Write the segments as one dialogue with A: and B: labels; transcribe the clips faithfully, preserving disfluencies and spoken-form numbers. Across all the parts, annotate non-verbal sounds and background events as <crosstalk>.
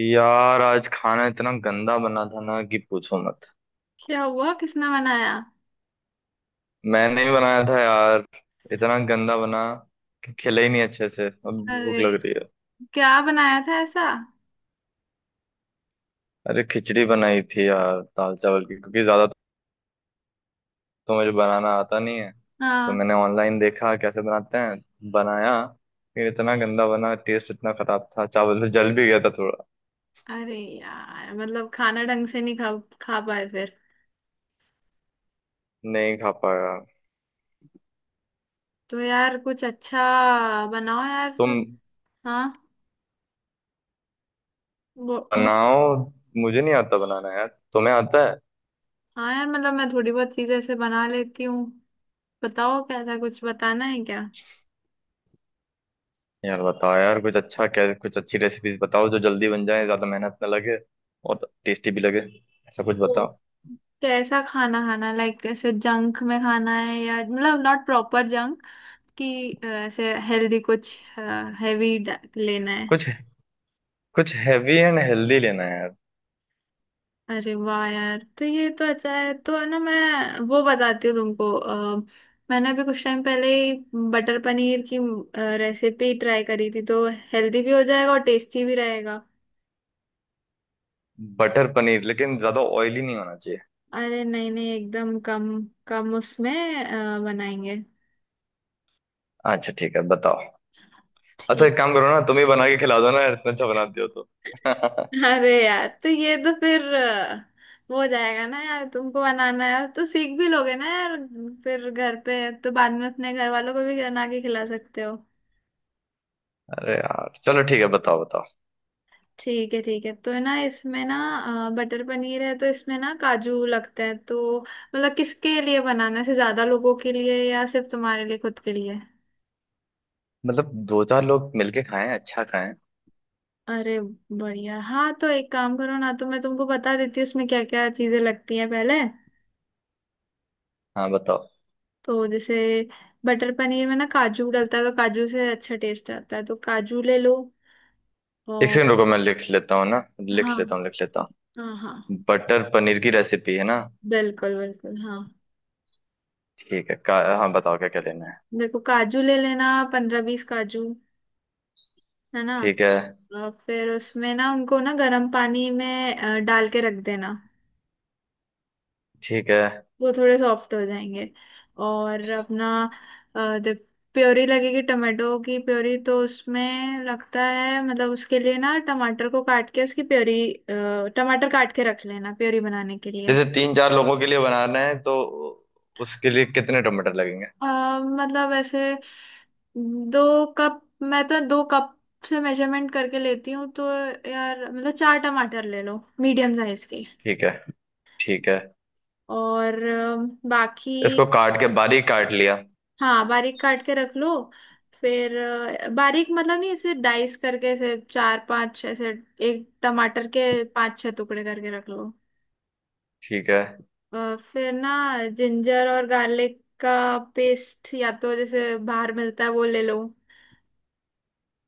A: यार आज खाना इतना गंदा बना था ना कि पूछो मत।
B: क्या हुआ? किसने बनाया?
A: मैंने ही बनाया था यार। इतना गंदा बना कि खिला ही नहीं अच्छे से। अब भूख
B: अरे,
A: लग रही है।
B: क्या बनाया था ऐसा?
A: अरे खिचड़ी बनाई थी यार दाल चावल की, क्योंकि ज्यादा तो मुझे बनाना आता नहीं है। तो
B: हाँ।
A: मैंने ऑनलाइन देखा कैसे बनाते हैं, बनाया। फिर इतना गंदा बना, टेस्ट इतना खराब था, चावल तो जल भी गया था थोड़ा।
B: अरे यार, मतलब खाना ढंग से नहीं खा खा पाए फिर?
A: नहीं खा पाया।
B: तो यार, कुछ अच्छा बनाओ यार।
A: तुम
B: सो- हाँ। वो, वो,
A: बनाओ। मुझे नहीं आता बनाना यार। तुम्हें आता है।
B: हाँ यार, मतलब मैं थोड़ी बहुत चीजें ऐसे बना लेती हूँ। बताओ, कैसा कुछ बताना है क्या?
A: यार बताओ यार, कुछ अच्छा क्या, कुछ अच्छी रेसिपीज बताओ जो जल्दी बन जाए, ज्यादा मेहनत ना लगे और टेस्टी भी लगे। ऐसा कुछ
B: तो
A: बताओ।
B: कैसा खाना? खाना लाइक ऐसे जंक में खाना है, या मतलब नॉट प्रॉपर जंक कि अ, ऐसे हेल्दी कुछ हैवी लेना है?
A: कुछ कुछ हैवी एंड हेल्दी लेना है यार।
B: अरे वाह यार, तो ये तो अच्छा है। तो है ना, मैं वो बताती हूँ तुमको। अ, मैंने अभी कुछ टाइम पहले ही बटर पनीर की रेसिपी ट्राई करी थी, तो हेल्दी भी हो जाएगा और टेस्टी भी रहेगा।
A: बटर पनीर, लेकिन ज्यादा ऑयली नहीं होना चाहिए।
B: अरे नहीं नहीं, एकदम कम कम उसमें अ, बनाएंगे।
A: अच्छा ठीक है, बताओ। अच्छा,
B: ठीक।
A: एक काम करो ना, तुम ही बना के खिला दो ना यार, इतना अच्छा बनाती हो तो।
B: अरे यार, तो ये तो फिर अ, वो हो जाएगा ना यार। तुमको बनाना है तो सीख भी लोगे ना यार। फिर घर पे तो बाद में अपने घर वालों को भी बना के खिला सकते हो।
A: अरे यार चलो ठीक है, बताओ बताओ।
B: ठीक है ठीक है। तो है ना, इसमें ना अ, बटर पनीर है तो इसमें ना काजू लगता है। तो मतलब किसके लिए बनाना है, से ज्यादा लोगों के लिए या सिर्फ तुम्हारे लिए, खुद के लिए?
A: मतलब दो चार लोग मिलके खाएं, अच्छा खाएं।
B: अरे बढ़िया। हाँ तो एक काम करो ना, तो मैं तुमको बता देती हूँ उसमें क्या क्या चीजें लगती हैं पहले।
A: हाँ बताओ।
B: तो जैसे बटर पनीर में ना काजू डलता है, तो काजू से अच्छा टेस्ट आता है, तो काजू ले लो।
A: एक
B: और
A: सेकंड रुको, मैं लिख लेता हूँ ना, लिख
B: हाँ
A: लेता हूँ लिख लेता हूँ
B: हाँ हाँ।
A: बटर पनीर की रेसिपी है ना।
B: बिल्कुल बिल्कुल हाँ।
A: ठीक है। का, हाँ बताओ क्या क्या लेना है।
B: देखो, काजू ले लेना, पंद्रह बीस काजू, है ना?
A: ठीक है
B: अ, फिर उसमें ना उनको ना गर्म पानी में अ, डाल के रख देना।
A: ठीक है।
B: वो थोड़े सॉफ्ट हो जाएंगे। और अपना अ, जब प्योरी लगेगी टमाटो की प्योरी, तो उसमें लगता है। मतलब उसके लिए ना टमाटर को काट के उसकी प्योरी, अ, टमाटर काट के रख लेना प्योरी बनाने के लिए।
A: जैसे तीन चार लोगों के लिए बनाना है तो उसके लिए कितने टमाटर लगेंगे?
B: अ, मतलब ऐसे दो कप, मैं तो दो कप से मेजरमेंट करके लेती हूँ। तो यार मतलब चार टमाटर ले लो, मीडियम साइज के।
A: ठीक है ठीक है।
B: और अ, बाकी।
A: इसको काट के बारीक काट लिया।
B: हाँ बारीक काट के रख लो। फिर अ, बारीक मतलब नहीं, ऐसे डाइस करके ऐसे चार पांच ऐसे, एक टमाटर के पांच छह टुकड़े करके रख लो।
A: ठीक है
B: अ, फिर ना जिंजर और गार्लिक का पेस्ट, या तो जैसे बाहर मिलता है वो ले लो,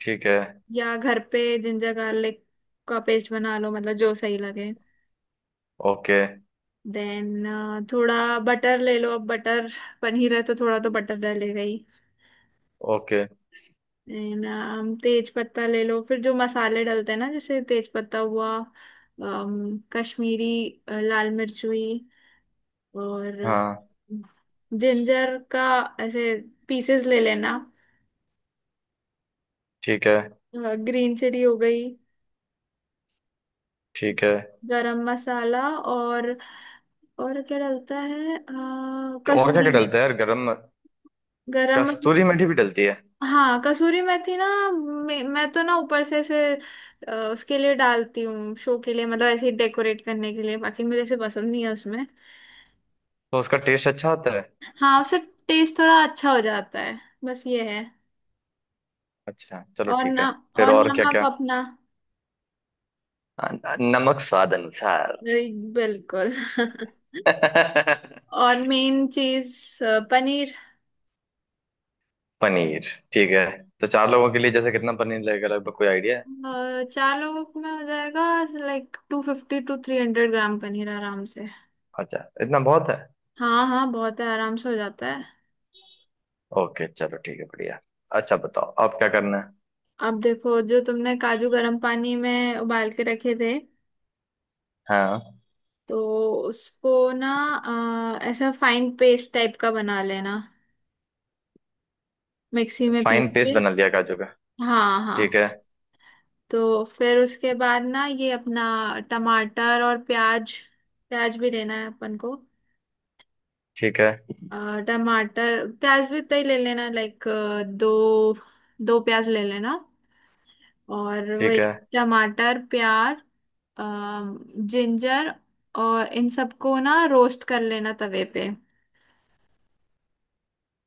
A: ठीक है।
B: या घर पे जिंजर गार्लिक का पेस्ट बना लो, मतलब जो सही लगे।
A: ओके।
B: देन थोड़ा बटर ले लो। अब बटर पनीर है तो थोड़ा तो बटर डलेगा ही।
A: ओके।
B: नहीं ना, हम तेज पत्ता ले लो। फिर जो मसाले डलते हैं ना, जैसे तेज पत्ता हुआ, अम, कश्मीरी अ, लाल मिर्च हुई, और
A: हाँ।
B: जिंजर का ऐसे पीसेस ले लेना।
A: ठीक है
B: ग्रीन चिली हो गई।
A: ठीक है।
B: गरम मसाला, और और क्या डलता है, अ,
A: और क्या
B: कसूरी
A: क्या डलता
B: मेथी।
A: है यार गरम?
B: गरम मसाला।
A: कस्तूरी मेथी भी डलती है?
B: हाँ कसूरी मेथी ना, मैं, मैं तो ना ऊपर से ऐसे अ, उसके लिए डालती हूँ, शो के लिए, मतलब ऐसे डेकोरेट करने के लिए। बाकी मुझे ऐसे पसंद नहीं है उसमें।
A: तो उसका टेस्ट अच्छा आता है?
B: हाँ उससे टेस्ट थोड़ा अच्छा हो जाता है। बस ये है।
A: अच्छा चलो
B: और
A: ठीक है।
B: ना।
A: फिर
B: और
A: और क्या
B: नमक
A: क्या?
B: अपना।
A: नमक स्वाद अनुसार।
B: बिल्कुल। <laughs>
A: <laughs>
B: और मेन चीज, पनीर।
A: पनीर। ठीक है। तो चार लोगों के लिए जैसे कितना पनीर लगेगा लगभग, कोई आइडिया है?
B: अ, चार लोगों में हो जाएगा, like two fifty to three hundred gram paneer आराम से।
A: अच्छा, इतना बहुत है।
B: हाँ हाँ बहुत है, आराम से हो जाता है।
A: ओके चलो ठीक है, बढ़िया। अच्छा बताओ अब क्या करना है।
B: अब देखो, जो तुमने काजू गर्म पानी में उबाल के रखे थे,
A: हाँ।
B: तो उसको ना अ, ऐसा फाइन पेस्ट टाइप का बना लेना, मिक्सी में पीस
A: फाइन
B: के।
A: पेस्ट बना लिया काजू का।
B: हाँ
A: ठीक है
B: हाँ। तो फिर उसके बाद ना ये अपना टमाटर और प्याज, प्याज भी लेना है अपन को।
A: ठीक है।
B: अ, टमाटर प्याज भी उतना ही ले लेना, लाइक दो दो प्याज ले लेना। और वही
A: ठीक है
B: टमाटर, प्याज, जिंजर, और इन सबको ना रोस्ट कर लेना तवे पे।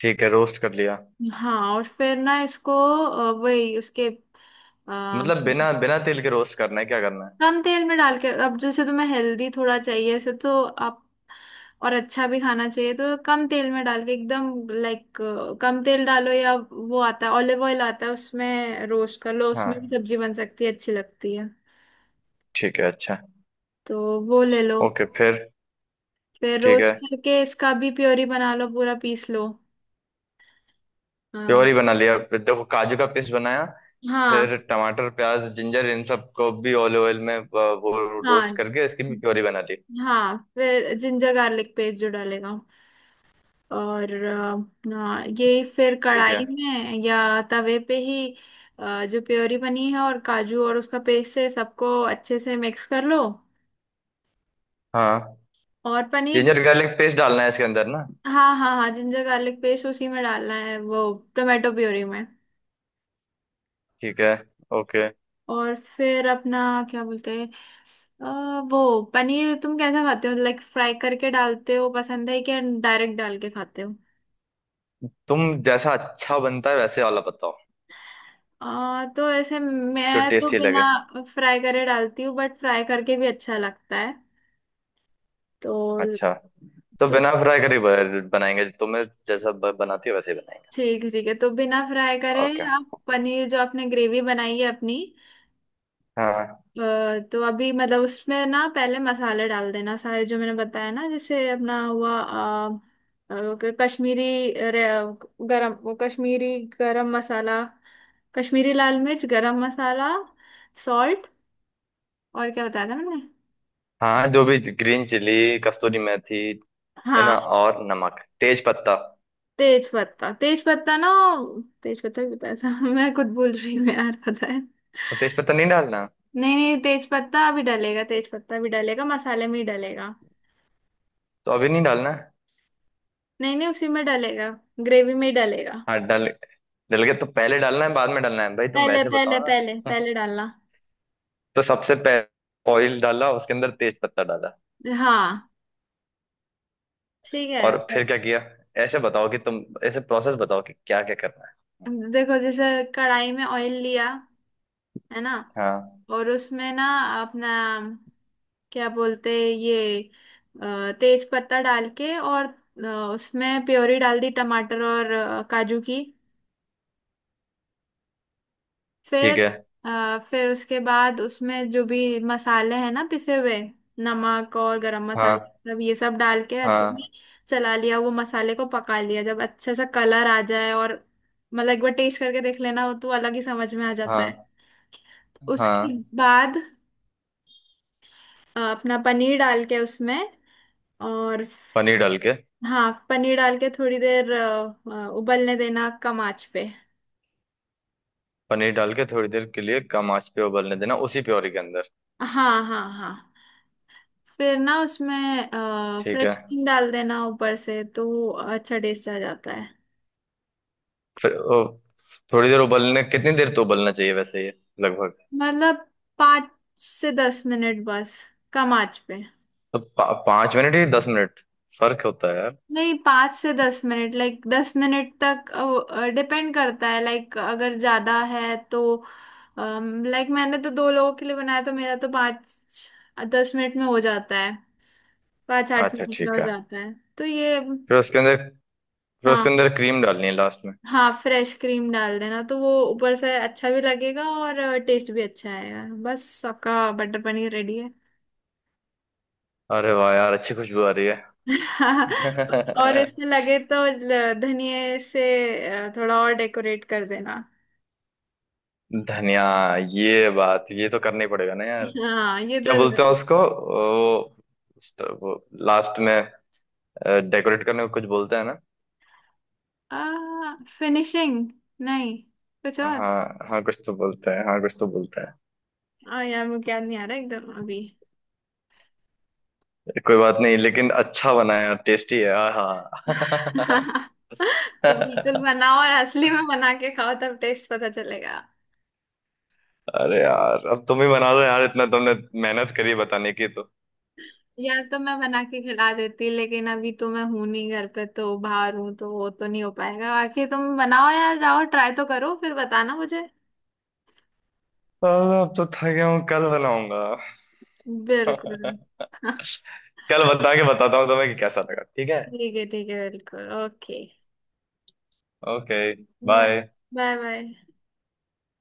A: ठीक है। रोस्ट कर लिया।
B: हाँ और फिर ना इसको अ, वही उसके अ,
A: मतलब बिना बिना तेल के रोस्ट करना है क्या करना है?
B: कम तेल में डाल के। अब जैसे तुम्हें हेल्दी थोड़ा चाहिए ऐसे, तो आप और अच्छा भी खाना चाहिए, तो कम तेल में डाल के एकदम, लाइक कम तेल डालो। या वो आता है ऑलिव ऑयल आता है, उसमें रोस्ट कर लो, उसमें भी
A: हाँ
B: सब्जी बन सकती है, अच्छी लगती है।
A: ठीक है अच्छा।
B: तो वो ले लो।
A: ओके फिर?
B: फिर
A: ठीक है।
B: रोस्ट करके इसका भी प्योरी बना लो, पूरा पीस लो। हाँ
A: प्योरी बना लिया, फिर देखो काजू का पेस्ट बनाया।
B: हाँ
A: फिर टमाटर प्याज जिंजर इन सबको भी ऑलिव ऑयल में अ, वो
B: हाँ।
A: रोस्ट करके इसकी भी प्योरी बना ली।
B: हाँ फिर जिंजर गार्लिक पेस्ट जो डालेगा, और अ, हाँ यही फिर
A: ठीक
B: कढ़ाई
A: है।
B: में या तवे पे ही अ, जो प्योरी बनी है और काजू और उसका पेस्ट है, सबको अच्छे से मिक्स कर लो।
A: हाँ
B: और पनीर।
A: जिंजर गार्लिक पेस्ट डालना है इसके अंदर ना?
B: हाँ हाँ हाँ, जिंजर गार्लिक पेस्ट उसी में डालना है, वो टोमेटो प्योरी में।
A: ठीक है। ओके।
B: और फिर अपना, क्या बोलते हैं, अ, वो पनीर तुम कैसा खाते हो? लाइक फ्राई करके डालते हो, पसंद है, क्या डायरेक्ट डाल के खाते हो?
A: तुम जैसा अच्छा बनता है वैसे वाला बताओ।
B: अ, तो ऐसे
A: जो
B: मैं तो
A: टेस्टी
B: बिना
A: लगे।
B: फ्राई करे डालती हूँ, बट फ्राई करके भी अच्छा लगता है। तो
A: अच्छा। तो
B: तो
A: बिना फ्राई करे ब- बनाएंगे, तुम्हें जैसा ब- बनाती हो वैसे ही बनाएंगे।
B: ठीक है ठीक है, तो बिना फ्राई करे।
A: ओके।
B: आप पनीर जो आपने ग्रेवी बनाई है अपनी,
A: हाँ
B: अ, तो अभी मतलब उसमें ना पहले मसाले डाल देना सारे जो मैंने बताया ना, जैसे अपना हुआ अ, अ, क- कश्मीरी, रे- गरम वो कश्मीरी गरम मसाला, कश्मीरी लाल मिर्च, गरम मसाला, सॉल्ट, और क्या बताया था मैंने?
A: हाँ, जो भी ग्रीन चिली कस्तूरी मेथी है ना,
B: हाँ
A: और नमक तेज पत्ता।
B: तेज पत्ता, तेज पत्ता ना, तेज पत्ता भी बताया था। <laughs> मैं खुद भूल रही हूँ यार, पता है।
A: तो तेज पत्ता नहीं डालना?
B: नहीं नहीं, तेज पत्ता भी डलेगा, तेज पत्ता भी डलेगा, मसाले में ही डलेगा।
A: तो अभी नहीं डालना है?
B: नहीं नहीं, उसी में डलेगा, ग्रेवी में ही डलेगा।
A: हाँ, डाल डल गया तो पहले डालना है बाद में डालना है भाई, तुम
B: पहले
A: वैसे बताओ
B: पहले पहले
A: ना।
B: पहले डालना।
A: <laughs> तो सबसे पहले ऑयल डाला, उसके अंदर तेज पत्ता डाला।
B: हाँ ठीक है,
A: और फिर
B: और
A: क्या किया? ऐसे बताओ कि तुम ऐसे प्रोसेस बताओ कि क्या क्या करना है।
B: देखो, जैसे कढ़ाई में ऑयल लिया, है ना?
A: हाँ।
B: और उसमें ना अपना, क्या बोलते हैं, ये अ, तेज पत्ता डाल के, और अ, उसमें प्योरी डाल दी टमाटर और अ, काजू की।
A: ठीक
B: फिर
A: है।
B: अ, फिर उसके बाद उसमें जो भी मसाले हैं ना, पिसे हुए, नमक और गरम मसाला,
A: हाँ
B: मतलब ये सब डाल के अच्छे
A: हाँ।
B: से चला लिया, वो मसाले को पका लिया जब अच्छे से कलर आ जाए। और मतलब एक बार टेस्ट करके देख लेना, वो तो अलग ही समझ में आ जाता है।
A: हाँ
B: उसके
A: हाँ।
B: बाद अ, अपना पनीर डाल के उसमें, और
A: पनीर डाल के।
B: हाँ, पनीर डाल के थोड़ी देर अ, अ, उबलने देना कम आंच पे।
A: पनीर डाल के थोड़ी देर के लिए कम आंच पे उबलने देना, उसी प्योरी के अंदर।
B: हाँ हाँ हाँ। फिर ना उसमें
A: ठीक है।
B: फ्रेश क्रीम डाल देना ऊपर से, तो वो अच्छा टेस्ट आ जाता है।
A: फिर ओ, थोड़ी देर उबलने कितनी देर तो उबलना चाहिए वैसे ये, लगभग?
B: मतलब पाँच से दस मिनट बस, कम आंच पे।
A: तो पा, पाँच मिनट या दस मिनट, फर्क होता है यार।
B: नहीं, पाँच से दस मिनट, लाइक दस मिनट तक, डिपेंड करता है लाइक, अगर ज़्यादा है तो। लाइक मैंने तो दो लोगों के लिए बनाया, तो मेरा तो पाँच दस मिनट में हो जाता है, पाँच आठ
A: अच्छा
B: मिनट में हो
A: ठीक है।
B: जाता है, तो ये।
A: फिर उसके अंदर फिर उसके
B: हाँ
A: अंदर क्रीम डालनी है लास्ट में?
B: हाँ फ्रेश क्रीम डाल देना, तो वो ऊपर से अच्छा भी लगेगा और टेस्ट भी अच्छा आएगा। बस आपका बटर पनीर रेडी है।
A: अरे वाह यार, अच्छी खुशबू आ रही
B: <laughs> और
A: है। <laughs>
B: इसमें लगे तो ल- धनिए से अ, थोड़ा और डेकोरेट कर देना।
A: धनिया। ये बात, ये तो करना ही पड़ेगा ना यार।
B: हाँ ये तो।
A: क्या बोलते हैं उसको, ओ, लास्ट में डेकोरेट करने को कुछ बोलते हैं ना।
B: आ, फिनिशिंग? नहीं, कुछ और।
A: हाँ हाँ कुछ तो बोलते हैं, हाँ कुछ तो बोलते हैं।
B: आ, यार मुझे याद नहीं आ रहा एकदम अभी।
A: कोई बात नहीं, लेकिन अच्छा बना है यार, टेस्टी है हाँ। <laughs>
B: <laughs> तो बिल्कुल बनाओ, और असली में बना के खाओ, तब टेस्ट पता चलेगा।
A: अरे यार अब तुम ही बना दो यार, इतना तुमने मेहनत करी बताने की तो।
B: यार, तो मैं बना के खिला देती लेकिन अभी तो मैं हूं नहीं घर पे, तो बाहर हूँ, तो वो तो नहीं हो पाएगा। बाकी तुम बनाओ यार, जाओ ट्राई तो करो, फिर बताना मुझे।
A: अरे, अब तो थक गया हूँ, कल बनाऊंगा।
B: बिल्कुल।
A: <laughs> कल बता के बताता हूँ तुम्हें कि कैसा लगा, ठीक है?
B: ठीक है ठीक है, बिल्कुल, okay.
A: Okay.
B: Bye,
A: bye.
B: Bye, bye.